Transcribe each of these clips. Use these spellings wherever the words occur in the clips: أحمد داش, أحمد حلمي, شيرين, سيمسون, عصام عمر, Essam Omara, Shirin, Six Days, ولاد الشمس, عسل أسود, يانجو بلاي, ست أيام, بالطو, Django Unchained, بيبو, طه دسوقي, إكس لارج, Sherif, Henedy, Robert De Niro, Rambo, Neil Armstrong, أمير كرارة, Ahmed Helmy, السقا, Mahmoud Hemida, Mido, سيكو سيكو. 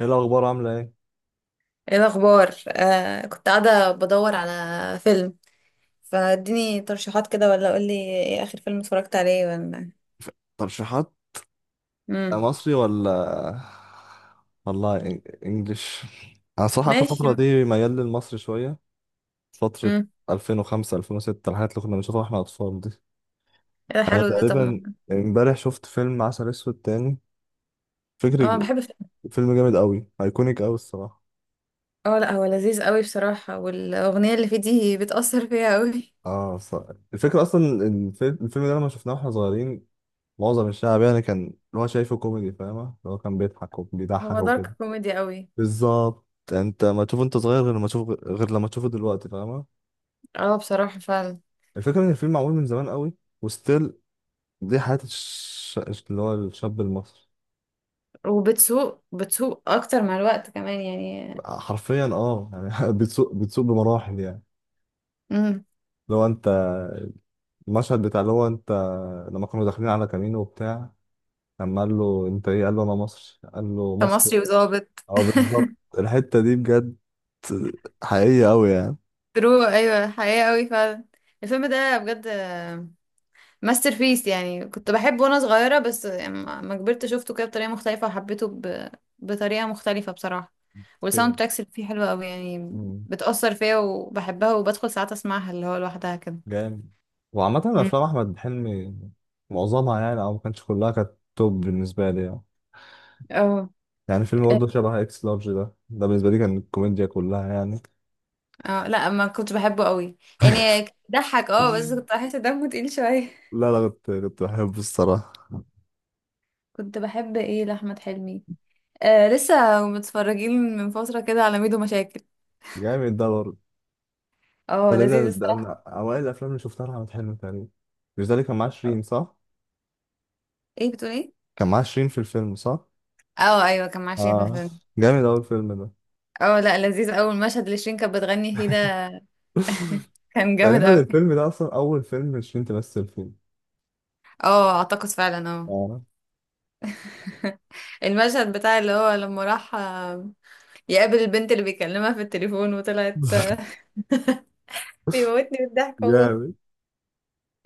ايه الاخبار عامله ايه؟ ايه الاخبار. كنت قاعده بدور على فيلم، فاديني ترشيحات كده، ولا قولي ايه اخر فيلم اتفرجت عليه، ولا... ترشيحات. امم مصري ولا؟ والله انجليش. انا صراحه اخر ماشي. فتره دي ميال للمصري شويه. فتره امم 2005 2006، الحاجات اللي كنا بنشوفها واحنا اطفال دي. ايه ده، انا حلو ده. طب تقريبا امبارح شفت فيلم عسل اسود تاني. اه فكري. بحب الفيلم. فيلم جامد قوي، ايكونيك قوي الصراحه. اه لا، هو لذيذ قوي بصراحه، والاغنيه اللي فيه دي بتاثر فيها قوي. اه صح. الفكره اصلا الفيلم ده لما شفناه واحنا صغيرين، معظم الشعب يعني كان اللي هو شايفه كوميدي فاهمه، اللي هو كان بيضحك هو وبيضحك. دارك كوميدي قوي. بالظبط. انت ما تشوفه انت صغير، غير لما تشوفه دلوقتي فاهمة. اه بصراحه فعلا. الفكرة ان الفيلم معمول من زمان قوي، وستيل دي حياة اللي هو الشاب المصري. وبتسوق بتسوق اكتر مع الوقت كمان يعني. حرفيا اه يعني، بتسوق بتسوق بمراحل يعني. امم. لو انت، المشهد بتاع اللي هو انت، لما كانوا داخلين على كامينو وبتاع، لما قال له انت ايه، قال له انا مصري، قال له مصري. كمصري وظابط. اه بالظبط. الحتة دي بجد حقيقية قوي يعني. ترو ايوه، حقيقة قوي فعلا. الفيلم ده بجد ماستر بيس يعني، كنت بحبه وانا صغيرة، بس لما كبرت شفته كده بطريقة مختلفة، وحبيته بطريقة مختلفة بصراحة. والساوند تراكس اللي فيه حلوة قوي يعني، فين. بتأثر فيا وبحبها، وبدخل ساعات اسمعها اللي هو لوحدها كده. جامد. وعامة مم. أفلام أحمد حلمي معظمها يعني، أو ما كانتش كلها، كانت توب بالنسبة لي يعني. اه يعني فيلم برضه شبه إكس لارج ده بالنسبة لي كان الكوميديا كلها يعني. اه لا، ما كنت بحبه قوي يعني. ضحك اه بس كنت بحس دمه تقيل شوية. لا لا، كنت بحبه الصراحة. كنت بحب ايه لأحمد حلمي؟ آه لسه متفرجين من فترة كده على ميدو مشاكل. جامد ده برضه. ده, اه لذيذ ده, ده من الصراحة. أوائل الأفلام اللي شفتها لأحمد حلمي تقريبا. مش ده اللي كان معاه شيرين صح؟ ايه بتقول ايه؟ كان معاه شيرين في الفيلم صح؟ اه ايوه، كان مع شريف. آه. جامد أوي الفيلم ده. اه لا لذيذ أوي المشهد اللي شيرين كانت بتغني فيه ده، كان جامد تقريبا أوي. الفيلم ده أصلا أول فيلم شيرين تمثل فيه. اه اعتقد فعلا اه. آه. المشهد بتاع اللي هو لما راح يقابل البنت اللي بيكلمها في التليفون وطلعت بيموتني بالضحك والله. جامد.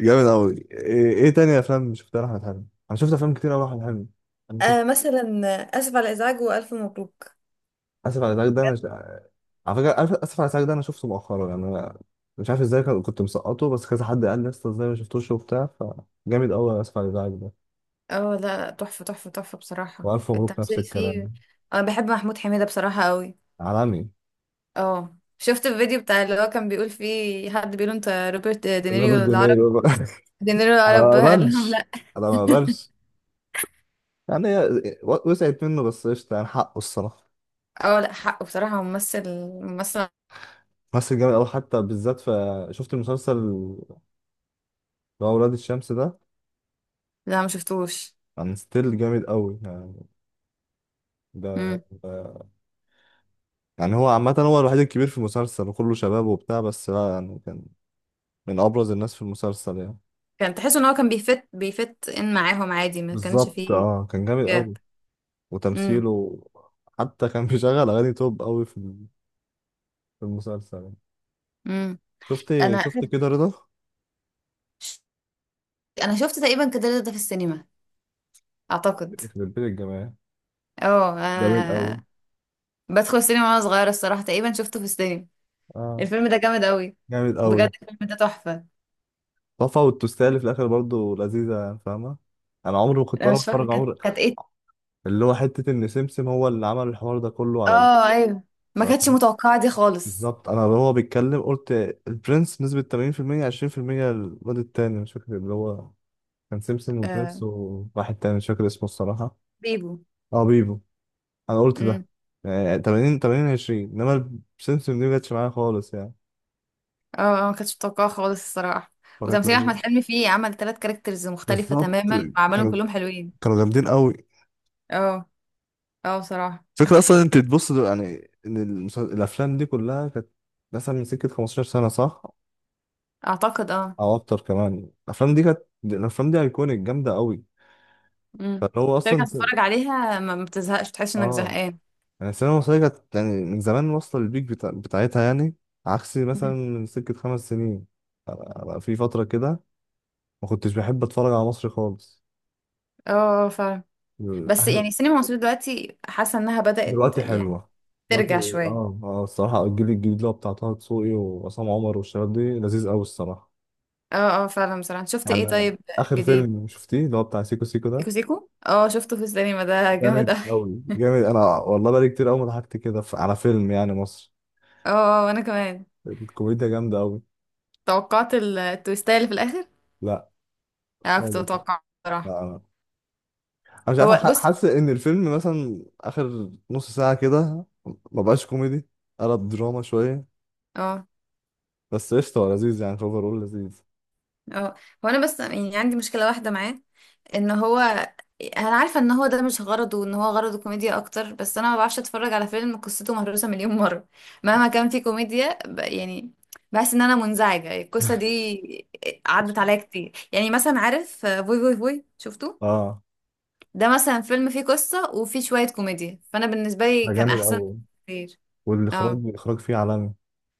جامد قوي. إيه تاني افلام شفتها لاحمد حلمي؟ انا شفت افلام كتير قوي لاحمد حلمي. انا شفت. آه مثلا. اسف على الازعاج والف مبروك. اسف على الازعاج ده انا ش- بجد. على فكره عارف اسف على الازعاج ده انا شفته مؤخرا يعني. انا مش عارف ازاي كنت مسقطه، بس كذا حد قال لي لسه ازاي ما شفتوش وبتاع. فجامد قوي اسف على الازعاج ده. اه لا لا، تحفه تحفه تحفه بصراحه والف مبروك نفس التمثيل فيه. الكلام. انا بحب محمود حميده بصراحه قوي. عالمي. اه شفت الفيديو بتاع اللي هو كان بيقول فيه حد بيقول انت روبرت روبرت دينيريو العرب. دينيرو بقى. دينيريو انا العرب. ما بقبلش انا ما بقبلش يعني. هي وسعت منه بس قشطه يعني حقه الصراحه. اه لا حق بصراحة، هو ممثل ممثل. ممثل جامد قوي، حتى بالذات في، شفت المسلسل اللي هو ولاد الشمس ده، لا ما شفتوش. كان ستيل جامد قوي. ده امم. ده- يعني هو عامة هو الوحيد الكبير في المسلسل وكله شباب وبتاع، بس لا يعني كان من أبرز الناس في المسلسل يعني. كان تحس ان هو كان بيفت ان معاهم عادي ما كانش بالظبط فيه. اه كان جامد أوي جاب. امم. وتمثيله. حتى كان بيشغل أغاني توب أوي في المسلسل يعني. امم. شفت انا شفت اخر كده رضا؟ انا شفت تقريبا كده ده في السينما، اعتقد يخرب بيت الجماعة، اه. جامد آه، أوي. بدخل السينما وانا صغيرة الصراحة تقريبا شفته في السينما. اه الفيلم ده جامد قوي. جامد بجد أوي. الفيلم ده تحفة. طفى. والتوستيه اللي في الآخر برضه لذيذة يعني فاهمة. أنا عمري ما كنت انا وأنا مش فاكرة بتفرج، كانت عمري. كانت ايه. اللي هو حتة إن سمسم هو اللي عمل الحوار ده كله اه ايوه، ما على. كانتش متوقعة دي خالص. بالظبط انا اللي هو بيتكلم قلت البرنس نسبة 80% 20%. الواد التاني مش فاكر اللي هو، كان سيمسون آه. وبرنس وواحد تاني مش فاكر اسمه الصراحة. بيبو. اه بيبو. انا قلت ده يعني 80 80 20، انما سيمسون دي مجتش معايا خالص يعني. اه ما كنتش متوقعه خالص الصراحه. فكانت وتمثيل احمد لذيذة. حلمي فيه، عمل ثلاث كاركترز مختلفه بالظبط. تماما وعملهم كانوا كلهم حلوين. كانوا جامدين قوي. اه اه بصراحه. فكرة اصلا انت تبص يعني ان الافلام دي كلها كانت مثلا من سكة 15 سنة صح، اعتقد اه. او اكتر كمان. الافلام دي كانت، الافلام دي ايكونيك جامدة قوي. امم. فاللي هو ترجع اصلا. تتفرج عليها ما بتزهقش، تحس انك اه زهقان. يعني السينما المصرية كانت يعني من زمان واصلة للبيك بتاعتها يعني. عكس مثلا مم. من سكة 5 سنين. أنا- أنا في فترة كده ما كنتش بحب أتفرج على مصر خالص. اه فعلا. بس يعني السينما المصريه دلوقتي حاسه انها بدات دلوقتي يعني حلوة، دلوقتي. ترجع شويه. اه، اه، الصراحة الجيل الجديد اللي هو بتاع طه دسوقي وعصام عمر والشباب دي لذيذ أوي الصراحة. اه اه فعلا بصراحه، انت شفت ايه يعني طيب؟ آخر جديد. فيلم شفتيه اللي هو بتاع سيكو سيكو ده؟ سيكو سيكو اه شفته في السينما، ده جامد جامد اوي. أوي، جامد. أنا والله بقالي كتير أوي ما ضحكت كده على فيلم يعني مصر. اه آه، اه، وانا كمان. الكوميديا جامدة أوي. توقعت التويستاية اللي في الاخر. لا. اه كنت خالص. متوقعه بصراحه. لا، انا مش عارف هو بص. حاسس ان الفيلم مثلا اخر نص ساعه كده ما بقاش كوميدي، قلب دراما شويه. اه بس قشطه هو لذيذ يعني، اول لذيذ. اه هو انا بس يعني عندي مشكله واحده معاه، ان هو، انا عارفه ان هو ده مش غرضه، ان هو غرضه كوميديا اكتر، بس انا ما بعرفش اتفرج على فيلم قصته مهروسه مليون مره، مهما كان فيه كوميديا يعني بحس ان انا منزعجه القصه دي. عدت عليا كتير. يعني مثلا عارف فوي فوي فوي شفته، اه. ده مثلا فيلم فيه قصه وفيه شويه كوميديا، فانا بالنسبه لي ده كان جامد احسن قوي. كتير. والاخراج اه. الاخراج فيه عالمي.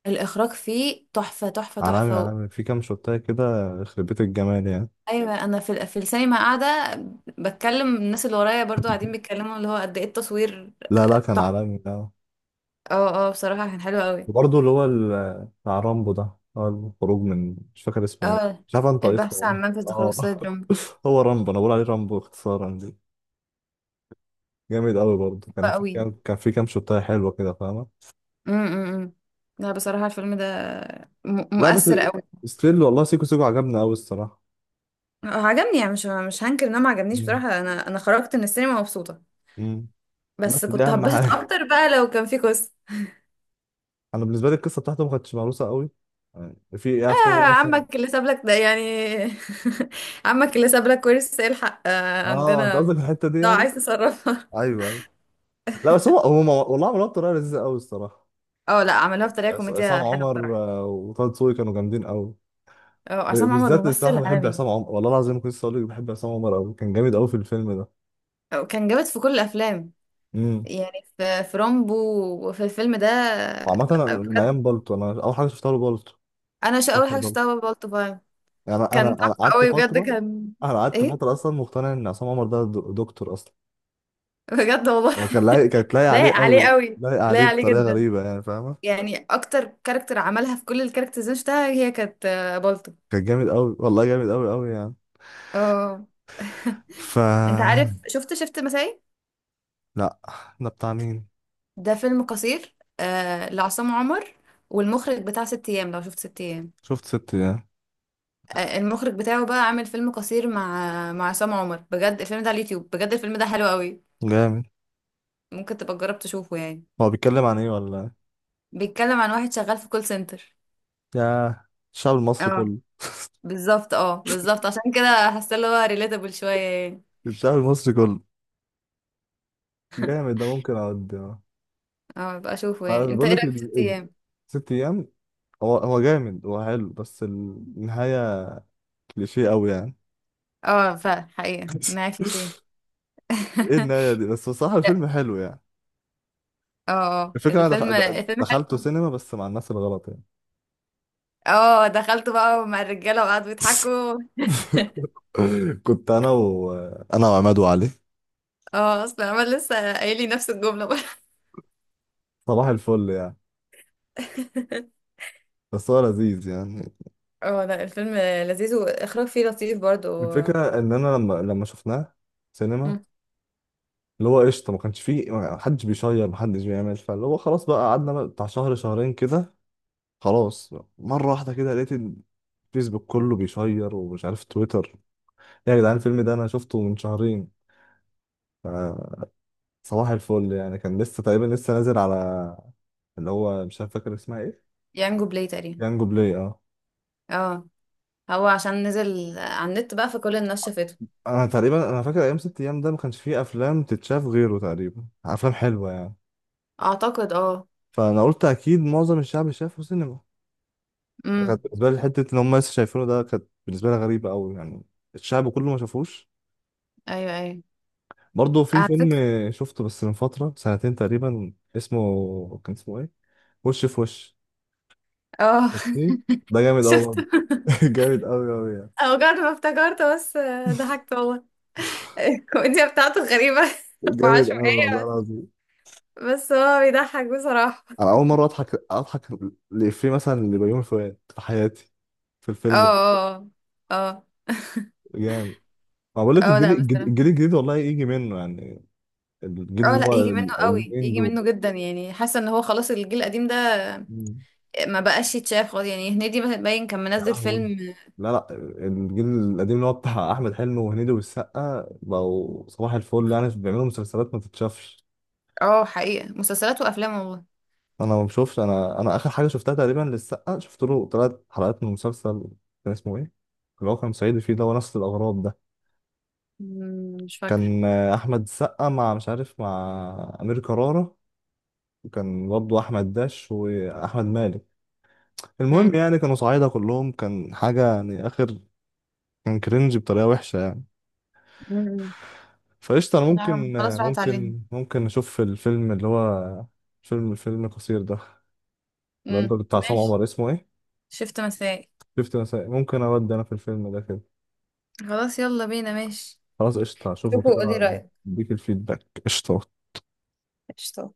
الاخراج فيه تحفه تحفه عالمي، تحفه. عالمي في كام شوتايه كده. يخرب بيت الجمال يعني. ايوه، انا في في السينما قاعده بتكلم الناس اللي ورايا برضو قاعدين بيتكلموا اللي هو قد ايه التصوير. لا لا، كان تحفه. عالمي ده. اه اه بصراحه كان حلو قوي. وبرضه اللي هو بتاع رامبو ده، هو الخروج من، مش فاكر اسمه ايه. اه. مش عارف انت اسمه البحث عن والله. منفذ لخروج اه. السيد رامبو. هو رامبو، انا بقول عليه رامبو اختصارا دي. جامد قوي برضه. حلو قوي. كان في كام شوتايه حلوه كده فاهمه. إمم، إمم. لا بصراحه الفيلم ده لا بس مؤثر قوي. ستيل والله سيكو سيكو عجبني قوي الصراحه. هو عجبني يعني، مش هنكر ان انا ما عجبنيش مم. بصراحه، انا خرجت من السينما مبسوطه. مم. بس بس دي كنت اهم هتبسط حاجه. اكتر بقى لو كان في قصه. انا بالنسبه لي القصه بتاعته ما كانتش مهروسه قوي يعني. في إيه افلام آه ايه مثلا؟ عمك اللي سابلك ده يعني. عمك اللي سابلك ورث الحق آه اه. انت عندنا. قصدك الحته دي ده يعني. عايز تصرف. ايوه ايوه. لا بس والله عملوها بطريقه لذيذه قوي الصراحه. اه لا عملوها بطريقه عصام كوميديا حلوه عمر بصراحه. آه، وطه دسوقي كانوا جامدين قوي. اه عصام عمر بالذات ممثل الصراحه بحب عالمي. عصام عمر والله العظيم. كنت لسه اقول لك بحب عصام عمر قوي، كان جامد قوي في الفيلم ده. اه، كان جامد في كل الافلام امم. يعني، في رامبو وفي الفيلم ده وعامه أنا اه، من بجد. ايام بالطو، انا اول حاجه شفتها له بالطو. انا شو اول مسلسل حاجه شفتها بالطو. بابا الطباع. يعني انا انا كان انا تحفه قعدت قوي بجد فتره. كان. انا قعدت ايه فتره اصلا مقتنع ان عصام عمر ده دكتور اصلا. بجد والله. هو كانت لايق عليه لايق عليه قوي، قوي، لايق لايق عليه عليه بطريقه جدا. غريبه يعني فاهمه. يعني اكتر كاركتر عملها في كل الكاركترز اللي أنا شفتها هي كانت بالطو. كان جامد قوي والله، جامد قوي قوي يعني. اه. ف انت عارف شفت مسائي؟ لا. ده بتاع مين؟ ده فيلم قصير آه لعصام عمر. والمخرج بتاع ست ايام، لو شفت ست ايام، شفت ست ده. آه، المخرج بتاعه بقى عامل فيلم قصير مع عصام عمر. بجد الفيلم ده على اليوتيوب، بجد الفيلم ده حلو قوي. جامد. ممكن تبقى تجرب تشوفه يعني. هو بيتكلم عن ايه ولا؟ بيتكلم عن واحد شغال في كول سنتر. يا، الشعب المصري اه كله. بالظبط، اه بالظبط، عشان كده حاسه اللي هو ريليتابل شويه يعني. الشعب المصري كله. جامد ده ممكن اقعد اه. اه بقى اشوفه ما يعني. انا انت بقول ايه لك رايك في ست ايام؟ ست ايام. هو جامد، هو حلو بس النهايه كليشيه قوي يعني. اه فعلا حقيقه معاك في شيء. ايه النهاية دي؟ بس بصراحة لا. الفيلم حلو يعني. اه آه. الفكرة انا الفيلم الفيلم دخلته حلو. سينما بس مع الناس الغلط يعني. اه دخلت بقى مع الرجاله وقعدوا يضحكوا. كنت انا و انا وعماد وعلي. اه اصلا عمال لسه قايل لي نفس الجمله بقى. صباح الفل يعني. بس هو لذيذ يعني. اه لا الفيلم لذيذ، واخراج فيه لطيف برضو. الفكرة ان انا لما شفناه سينما، مم. اللي هو قشطة ما كانش فيه، ما حدش بيشير ما حدش بيعمل. فاللي هو خلاص بقى قعدنا بقى بتاع شهر شهرين كده. خلاص مرة واحدة كده لقيت الفيسبوك كله بيشير، ومش عارف تويتر. إيه يا جدعان؟ الفيلم ده انا شفته من شهرين آه، صباح الفل يعني. كان لسه تقريبا لسه نازل على، اللي هو مش عارف فاكر اسمها ايه. يانجو بلاي تقريبا. يانجو بلاي. اه. اه هو عشان نزل على النت بقى فكل الناس شافته. انا فاكر ايام ست ايام ده ما كانش فيه افلام تتشاف غيره تقريبا، افلام حلوه يعني. اعتقد اه. فانا قلت اكيد معظم الشعب شافه سينما. امم. كانت بالنسبه لي حته ان هم لسه شايفينه ده، كانت بالنسبه لي غريبه قوي يعني. الشعب كله ما شافوش. ايوه ايوه. برضه في على فيلم فكرة. شفته بس من فتره سنتين تقريبا، اسمه، كان اسمه ايه، وش في وش. اه شفتيه؟ ده جامد قوي شفته. برضه. جامد قوي قوي يعني. او جد ما افتكرت بس، ضحكت والله. الكوميديا بتاعته غريبة جامد قوي والله وعشوائية. العظيم. بس هو بيضحك بصراحة. انا اول مره اضحك لإفيه مثلا لبيومي فؤاد في حياتي، في اه الفيلم ده. اه اه. جامد. ما بقول لك، اه الجيل لا بس الجديد الجيل الجديد والله يجي منه يعني. الجيل اه اللي لا هو يجي منه قوي، اليومين يجي دول. منه جدا. يعني حاسة ان هو خلاص الجيل القديم ده مم. ما بقاش يتشاف خالص يعني، هنيدي مثلا باين كان يا منزل لهوي. فيلم. لا لا، الجيل القديم اللي هو بتاع احمد حلمي وهنيدي والسقا بقوا صباح الفل يعني، بيعملوا مسلسلات ما تتشافش. اه حقيقة مسلسلات وافلام والله. انا ما بشوفش. انا اخر حاجه شفتها تقريبا للسقا، شفت له 3 حلقات من مسلسل، كان اسمه ايه، اللي هو كان صعيدي فيه ده ونفس الاغراض ده. مم، مش فاكرة. كان آه، احمد السقا مع مش عارف مع امير كرارة، وكان برضه احمد داش واحمد مالك. المهم مم. يعني كانوا صعايدة كلهم، كان حاجة يعني اخر. كان كرنج بطريقة وحشة يعني. مم. فقشطة انا لا هم ممكن خلاص راحت علينا. اشوف الفيلم اللي هو فيلم قصير ده. اللي انت مم. بتاع عصام ماشي. عمر اسمه ايه؟ شفت مسائي. شفت مسائل. ممكن اودي انا في الفيلم ده كده. خلاص يلا بينا ماشي. خلاص قشطة اشوفه شوفوا قولي كده. رأيك. اديك الفيدباك قشطة. قشطة.